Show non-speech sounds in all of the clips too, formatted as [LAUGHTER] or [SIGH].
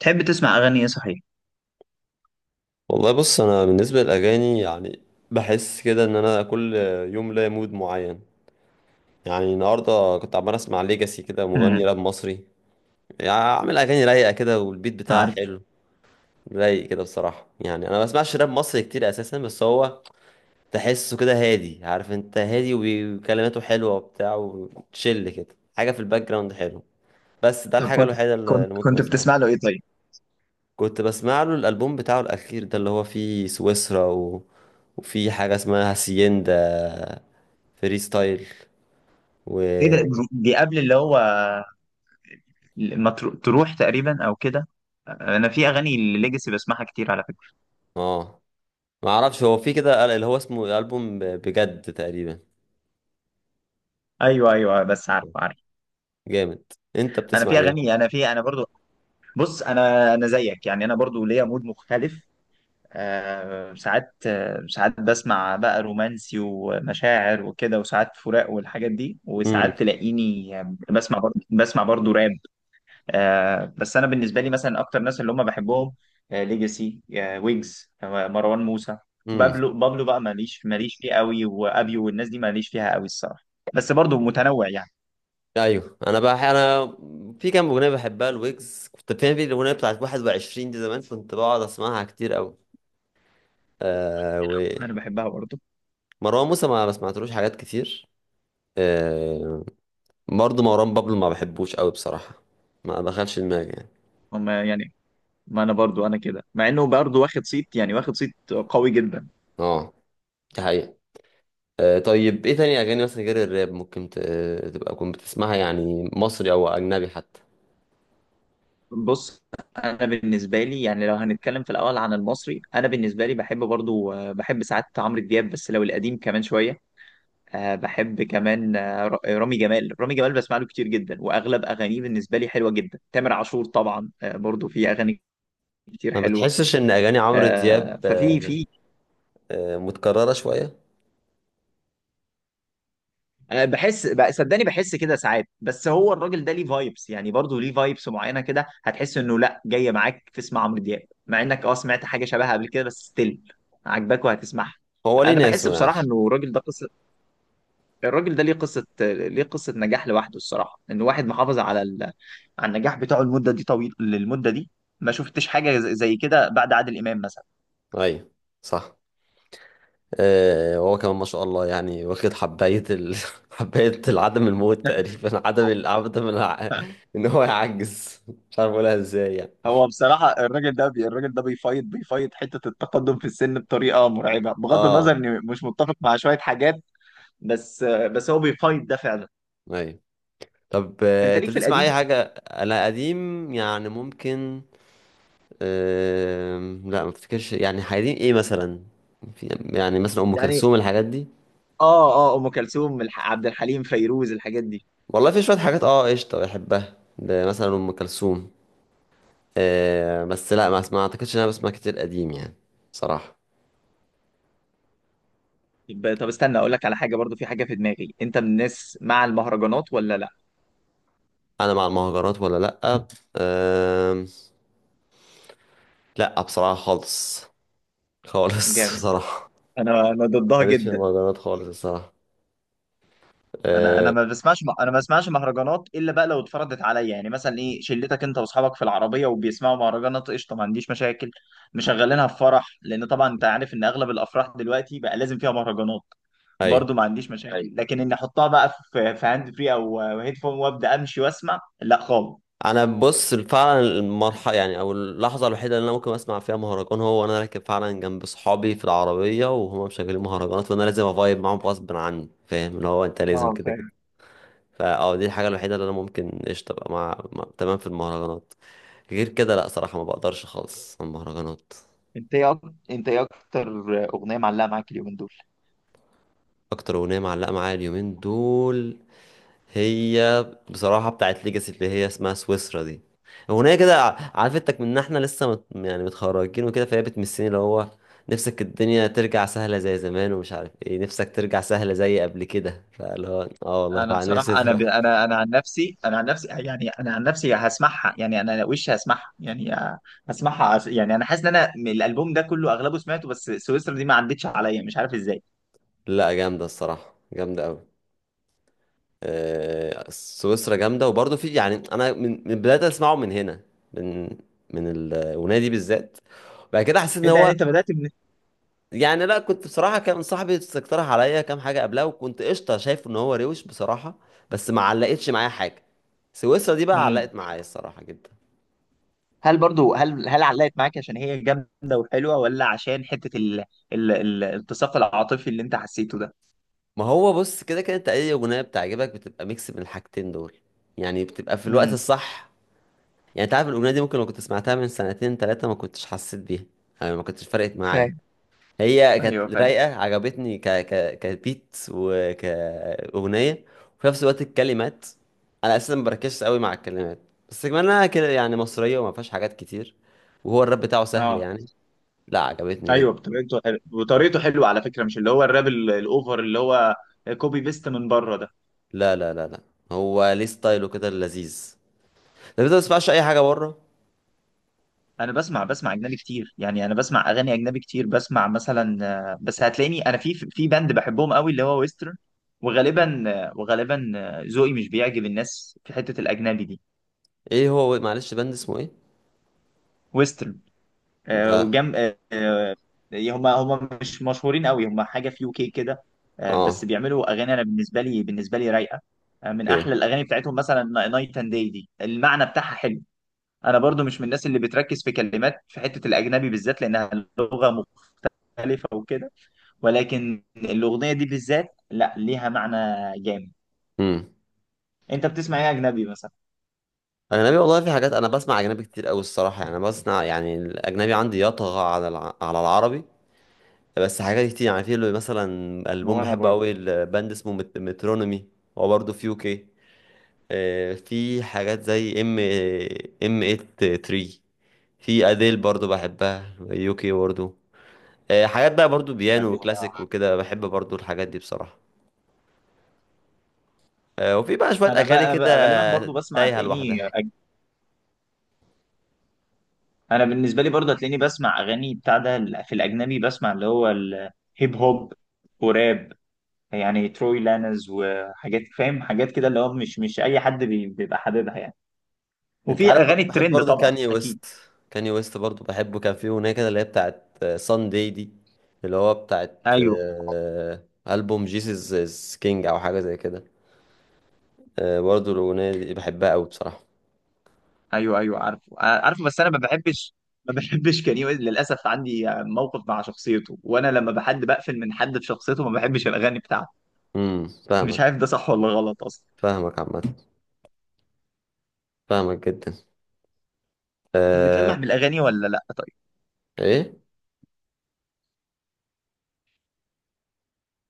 تحب تسمع اغاني ايه صحيح؟ والله، بص انا بالنسبه للاغاني يعني بحس كده ان انا كل يوم ليا مود معين. يعني النهارده كنت عمال اسمع ليجاسي، كده مغني امم. راب مصري. يعني عامل اغاني رايقه كده، والبيت بتاعها عارف. حلو. رايق كده بصراحه. يعني انا ما بسمعش راب مصري كتير اساسا، بس هو تحسه كده هادي، عارف انت، هادي وكلماته حلوه وبتاع، وتشيل كده حاجه في الباك جراوند حلو. بس ده طب الحاجه كنت الوحيده اللي كنت ممكن كنت اسمعها. بتسمع له ايه طيب؟ كنت بسمع له الالبوم بتاعه الاخير ده، اللي هو فيه سويسرا وفي حاجه اسمها هاسيندا فري ستايل و ايه ده، دي قبل اللي هو ما ترو- تروح تقريبا او كده. انا في اغاني الليجاسي بسمعها كتير على فكره. اه، ما اعرفش، هو في كده اللي هو اسمه البوم بجد تقريبا. ايوه ايوه، بس عارف عارف. جامد. انت انا بتسمع في ايه؟ اغاني انا في انا برضو. بص انا زيك، يعني انا برضو ليا مود مختلف. آه ساعات، آه ساعات بسمع بقى رومانسي ومشاعر وكده، وساعات فراق والحاجات دي، امم. وساعات تلاقيني آه، بسمع برضو راب. آه، بس انا بالنسبه لي مثلا اكتر ناس اللي هم بحبهم آه ليجاسي، آه ويجز، آه مروان موسى. امم. بابلو بقى ماليش فيه قوي، وابيو والناس دي ماليش فيها قوي الصراحه. بس برضو متنوع يعني. ايوه. انا بقى، انا في كام اغنيه بحبها الويجز، كنت فاهم، في الاغنيه بتاعت 21 دي، زمان كنت بقعد اسمعها كتير قوي. آه. انا بحبها برضو. ومروان موسى ما سمعتلوش حاجات كتير. آه. برضه مروان بابلو ما بحبوش قوي بصراحة. ما دخلش دماغي يعني. هم يعني، ما انا برضو انا كده، مع انه برضو واخد صيت، يعني واخد صيت قوي جدا. اه، دي حقيقة. طيب، ايه تاني اغاني مثلا غير الراب ممكن تبقى كنت بتسمعها؟ يعني مصري او اجنبي حتى. بص انا بالنسبه لي، يعني لو هنتكلم في الاول عن المصري، انا بالنسبه لي بحب برضو آه، بحب ساعات عمرو دياب بس لو القديم كمان شويه. أه بحب كمان آه، رامي جمال بسمع له كتير جدا واغلب اغانيه بالنسبه لي حلوه جدا. تامر عاشور طبعا أه برضو في اغاني كتير ما حلوه. بتحسش ان اغاني عمرو دياب أه ففي آه، في آه، متكررة شوية؟ صدقني بحس كده ساعات، بس هو الراجل ده ليه فايبس، يعني برضو ليه فايبس معينه كده، هتحس انه لا جايه معاك تسمع عمرو دياب مع انك اه سمعت حاجه شبهها قبل كده، بس ستيل عاجباك وهتسمعها. هو ليه انا بحس ناسه يعني. بصراحه انه الراجل ده، ليه قصة نجاح لوحده الصراحة، ان واحد محافظ على على النجاح بتاعه المدة دي، طويل للمدة دي. ما شفتش حاجة زي كده بعد عادل إمام مثلا. ايوه، صح. آه، هو كمان ما شاء الله، يعني واخد حباية [LAUGHS] حباية العدم، الموت تقريبا، [LAUGHS] [LAUGHS] [LAUGHS] ان هو يعجز. مش عارف اقولها ازاي يعني. هو بصراحة الراجل ده بيفايض، بيفايض حتة التقدم في السن بطريقة مرعبة، بغض النظر اه. اني مش متفق مع شوية حاجات، بس هو بيفايض ده فعلا. ايوه. طب، انت انت ليك في بتسمع اي القديم؟ حاجة؟ انا قديم يعني ممكن. لا، ما افتكرش. يعني قديم ايه مثلا؟ في يعني مثلا ام يعني كلثوم، الحاجات دي. اه، اه، ام كلثوم عبد الحليم فيروز الحاجات دي. والله، في شوية حاجات قشطة بحبها، ده مثلا ام كلثوم. آه، بس لا، ما اعتقدش ان انا بسمع كتير قديم يعني، صراحة. طب استنى اقول لك على حاجة، برضو في حاجة في دماغي، انت من الناس مع المهرجانات ولا لا؟ انا مع المهرجانات ولا لا؟ لا، بصراحة خالص. خالص. [LAUGHS] جامد. صراحة. انا ضدها ماليش في جدا. المهرجانات خالص الصراحة. انا آه. ما بسمعش، انا ما بسمعش مهرجانات الا بقى لو اتفرضت عليا، يعني مثلا ايه شلتك انت واصحابك في العربيه وبيسمعوا مهرجانات، قشطه، ما عنديش مشاكل. مشغلينها في فرح لان طبعا انت عارف ان اغلب الافراح دلوقتي بقى لازم فيها مهرجانات، ايوه. برضو ما عنديش مشاكل، ايوه. لكن اني احطها بقى في هاند فري او هيدفون وابدا امشي واسمع، لا خالص. انا بص، فعلا المرحله يعني او اللحظه الوحيده اللي انا ممكن اسمع فيها مهرجان، هو وانا راكب فعلا جنب صحابي في العربيه وهما مشغلين مهرجانات، وانا لازم افايب معاهم غصب عني. فاهم، اللي هو انت لازم اه كده كده. فاهم. فاه، دي الحاجه الوحيده اللي انا ممكن قشطه ابقى تمام في المهرجانات. غير كده لا، صراحه ما بقدرش خالص على المهرجانات. انت ايه اكتر اغنيه معلقه معاك اليومين دول؟ اكتر اغنيه معلقه معايا اليومين دول، هي بصراحة بتاعت ليجاسي، اللي هي اسمها سويسرا دي. أغنية كده عرفتك من إن إحنا لسه مت يعني متخرجين وكده، فهي بتمسني، اللي هو نفسك الدنيا ترجع سهلة زي زمان، ومش عارف إيه، نفسك ترجع سهلة زي قبل كده. فاللي هو والله انا فعلا نفسي بصراحه، انا عن نفسي، يعني انا عن نفسي هسمعها، يعني انا وش هسمعها، يعني هسمعها يعني انا حاسس ان انا من الالبوم ده كله اغلبه سمعته بس سويسرا دي ما عدتش عليا، مش عارف ازاي. [LAUGHS] لا، جامدة الصراحة، جامدة أوي. آه، سويسرا جامدة، وبرضه في يعني، أنا من بداية أسمعه من هنا، من من الأغنية دي بالذات. بعد كده حسيت إن انت يعني هو، انت بدات من إيه؟ يعني لا، كنت بصراحة، كان صاحبي استقترح عليا كام حاجة قبلها، وكنت قشطة شايف ان هو روش بصراحة، بس ما علقتش معايا حاجة. سويسرا دي بقى مم. علقت معايا الصراحة جدا. هل برضو، هل علقت معاك عشان هي جامده وحلوه ولا عشان حته التصاق العاطفي اللي انت حسيته ده؟ ما هو بص، كده كده انت اي اغنية بتعجبك بتبقى ميكس من الحاجتين دول. يعني بتبقى في الوقت امم الصح. يعني انت عارف الاغنية دي، ممكن لو كنت سمعتها من سنتين تلاتة ما كنتش حسيت بيها. يعني ما كنتش فرقت معايا. فاهم هي ايوه كانت فاهم رايقة، عجبتني ك كبيت وكأغنية. وفي نفس الوقت الكلمات، أنا أساسا ما بركزش قوي مع الكلمات، بس كمان أنا كده يعني مصرية وما فيهاش حاجات كتير، وهو الراب بتاعه سهل اه يعني. لا، عجبتني ايوه، جدا. بطريقته حلوه، اه. بطريقته حلوه على فكره، مش اللي هو الراب الاوفر اللي هو كوبي بيست من بره. لا لا لا لا، هو ليه ستايله كده اللذيذ، ده ما تسمعش أي حاجة بره. انا بسمع اجنبي كتير، يعني انا بسمع اغاني اجنبي كتير، بسمع مثلا آه، بس هتلاقيني انا في باند بحبهم قوي اللي هو ويسترن، وغالبا آه، وغالبا آه، ذوقي مش بيعجب الناس في حتة الاجنبي دي. ايه هو، معلش، باند اسمه ايه؟ ويسترن، آه، ده. وجم، آه، آه. هما مش مشهورين قوي، هما حاجة في يوكي كده. آه، بس اه. بيعملوا اغاني انا بالنسبة لي رايقة. آه، من اوكي. احلى الاغاني بتاعتهم مثلا نايت اند داي دي، المعنى بتاعها حلو. انا برضو مش من الناس اللي بتركز في كلمات في حتة الاجنبي بالذات لانها لغة مختلفة وكده، ولكن الأغنية دي بالذات لا، ليها معنى جامد. امم. انت بتسمع ايه اجنبي مثلا؟ اجنبي، والله في حاجات انا بسمع اجنبي كتير قوي الصراحه. يعني أنا بسمع، يعني الاجنبي عندي يطغى على على العربي. بس حاجات كتير، يعني في اللي مثلا ألبوم هو انا بحبه برضه قوي، الباند اسمه مترونومي. هو برضه في يوكي. آه، في حاجات زي ام 83. في اديل برضه بحبها، يوكي برضه. آه، حاجات بقى برضه بيانو أجنبي، آه. وكلاسيك وكده، بحب برضه الحاجات دي بصراحة. آه، وفي بقى شوية انا بقى، أغاني أنا كده بقى غالبا برضو بسمع، تايهة لوحدها. انا بالنسبة لي برضو هتلاقيني بسمع اغاني بتاع ده في الاجنبي، بسمع اللي هو الهيب هوب وراب، يعني تروي لانز وحاجات فاهم، حاجات كده اللي هو مش اي حد بيبقى حاببها يعني، انت وفي عارف، اغاني بحب الترند برضو طبعا كاني اكيد. ويست. كاني ويست برضو بحبه، كان فيه اغنيه كده اللي هي بتاعت سان داي دي، اللي هو بتاعت ايوه البوم جيسس از كينج، او حاجه زي كده. آه، برضو الاغنيه دي بحبها قوي بصراحه. ايوه ايوه، عارفه، عارفه، بس انا ما بحبش. للاسف عندي موقف مع شخصيته، وانا لما بحد بقفل من حد في شخصيته ما بحبش الاغاني بتاعته، امم. فاهمك. مش عارف ده صح ولا غلط اصلا. فاهمك عامه. فاهمك جدا. أه. بتلمح بالاغاني ولا لا طيب؟ ايه.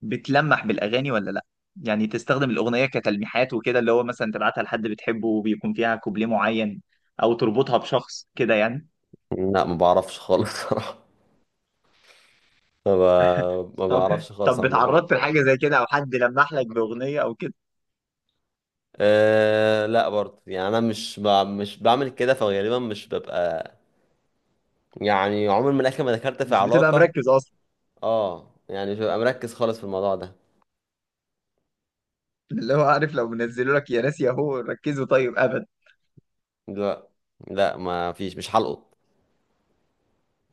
بتلمح بالاغاني ولا لا؟ يعني تستخدم الاغنيه كتلميحات وكده، اللي هو مثلا تبعتها لحد بتحبه وبيكون فيها كوبليه معين، او تربطها بشخص كده يعني. لا، ما بعرفش خالص [LAUGHS] صراحه. ما, ما طب بعرفش خالص طب عن الموضوع. اتعرضت لحاجه زي كده او حد لمح لك باغنيه او كده؟ أه، لا برضو، يعني انا مش بعمل كده، فغالبا مش ببقى. يعني عمري، من الاخر، ما دخلت في مش بتبقى علاقة. مركز. اه، يعني مش ببقى مركز خالص في الموضوع ده. اللي هو عارف لو منزلوا لك، يا ناس يا هو ركزوا، طيب، ابدا. لا. لا، ما فيش، مش هلقط.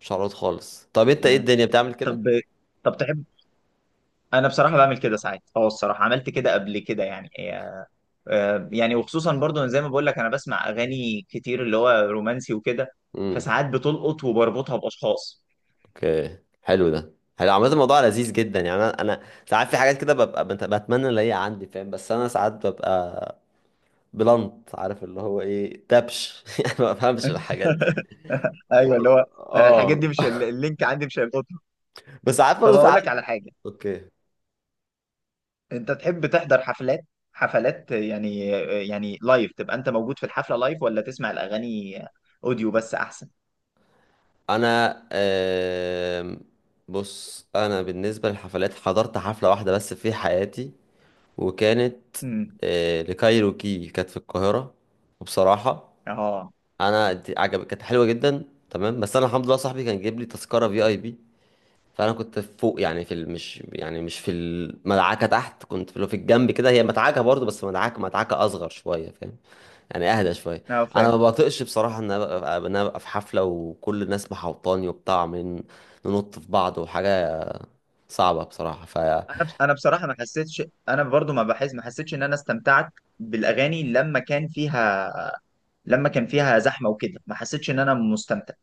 مش هلقط خالص. طب انت ايه؟ مم. الدنيا بتعمل كده. طب طب تحب، انا بصراحه بعمل كده ساعات، اه الصراحه عملت كده قبل كده يعني آه، يعني وخصوصا برضو زي ما بقول لك انا بسمع اغاني كتير اللي هو رومانسي وكده، امم. فساعات بتلقط وبربطها باشخاص. اوكي، حلو ده. حلو عامة، الموضوع لذيذ جدا. يعني انا ساعات في حاجات كده ببقى بتمنى ان هي عندي، فاهم، بس انا ساعات ببقى بلنت، عارف اللي هو ايه دبش [LAUGHS] يعني ما بفهمش الحاجات دي. [LAUGHS] ايوه اللي والله. هو، انا الحاجات اه. دي مش اللينك عندي مش هيلقطه. [LAUGHS] بس عارف طب برضه، في اقول لك عادي. على حاجه، [LAUGHS] اوكي. انت تحب تحضر حفلات؟ حفلات يعني آه، يعني لايف، تبقى انت موجود في الحفله لايف ولا تسمع الاغاني اوديو بس احسن؟ انا بص انا بالنسبه للحفلات، حضرت حفله واحده بس في حياتي، وكانت امم آه، لكايروكي، كانت في القاهرة. وبصراحة اه أنا دي عجب، كانت حلوة جدا، تمام، بس أنا الحمد لله صاحبي كان جايب لي تذكرة في أي بي. فأنا كنت فوق، يعني مش يعني مش في المدعكة تحت، كنت في اللي في الجنب كده، هي مدعكة برضه، بس مدعكة مدعكة أصغر شوية، فاهم؟ يعني أهدى شوية. اه أنا فاهم. ما بطيقش بصراحة إن أنا أبقى، في حفلة وكل الناس محوطاني وبتاع، عمالين ننط في بعض، وحاجة صعبة بصراحة. انا بس انا بصراحه ما حسيتش، انا برضو ما حسيتش ان انا استمتعت بالاغاني لما كان فيها زحمه وكده، ما حسيتش ان انا مستمتع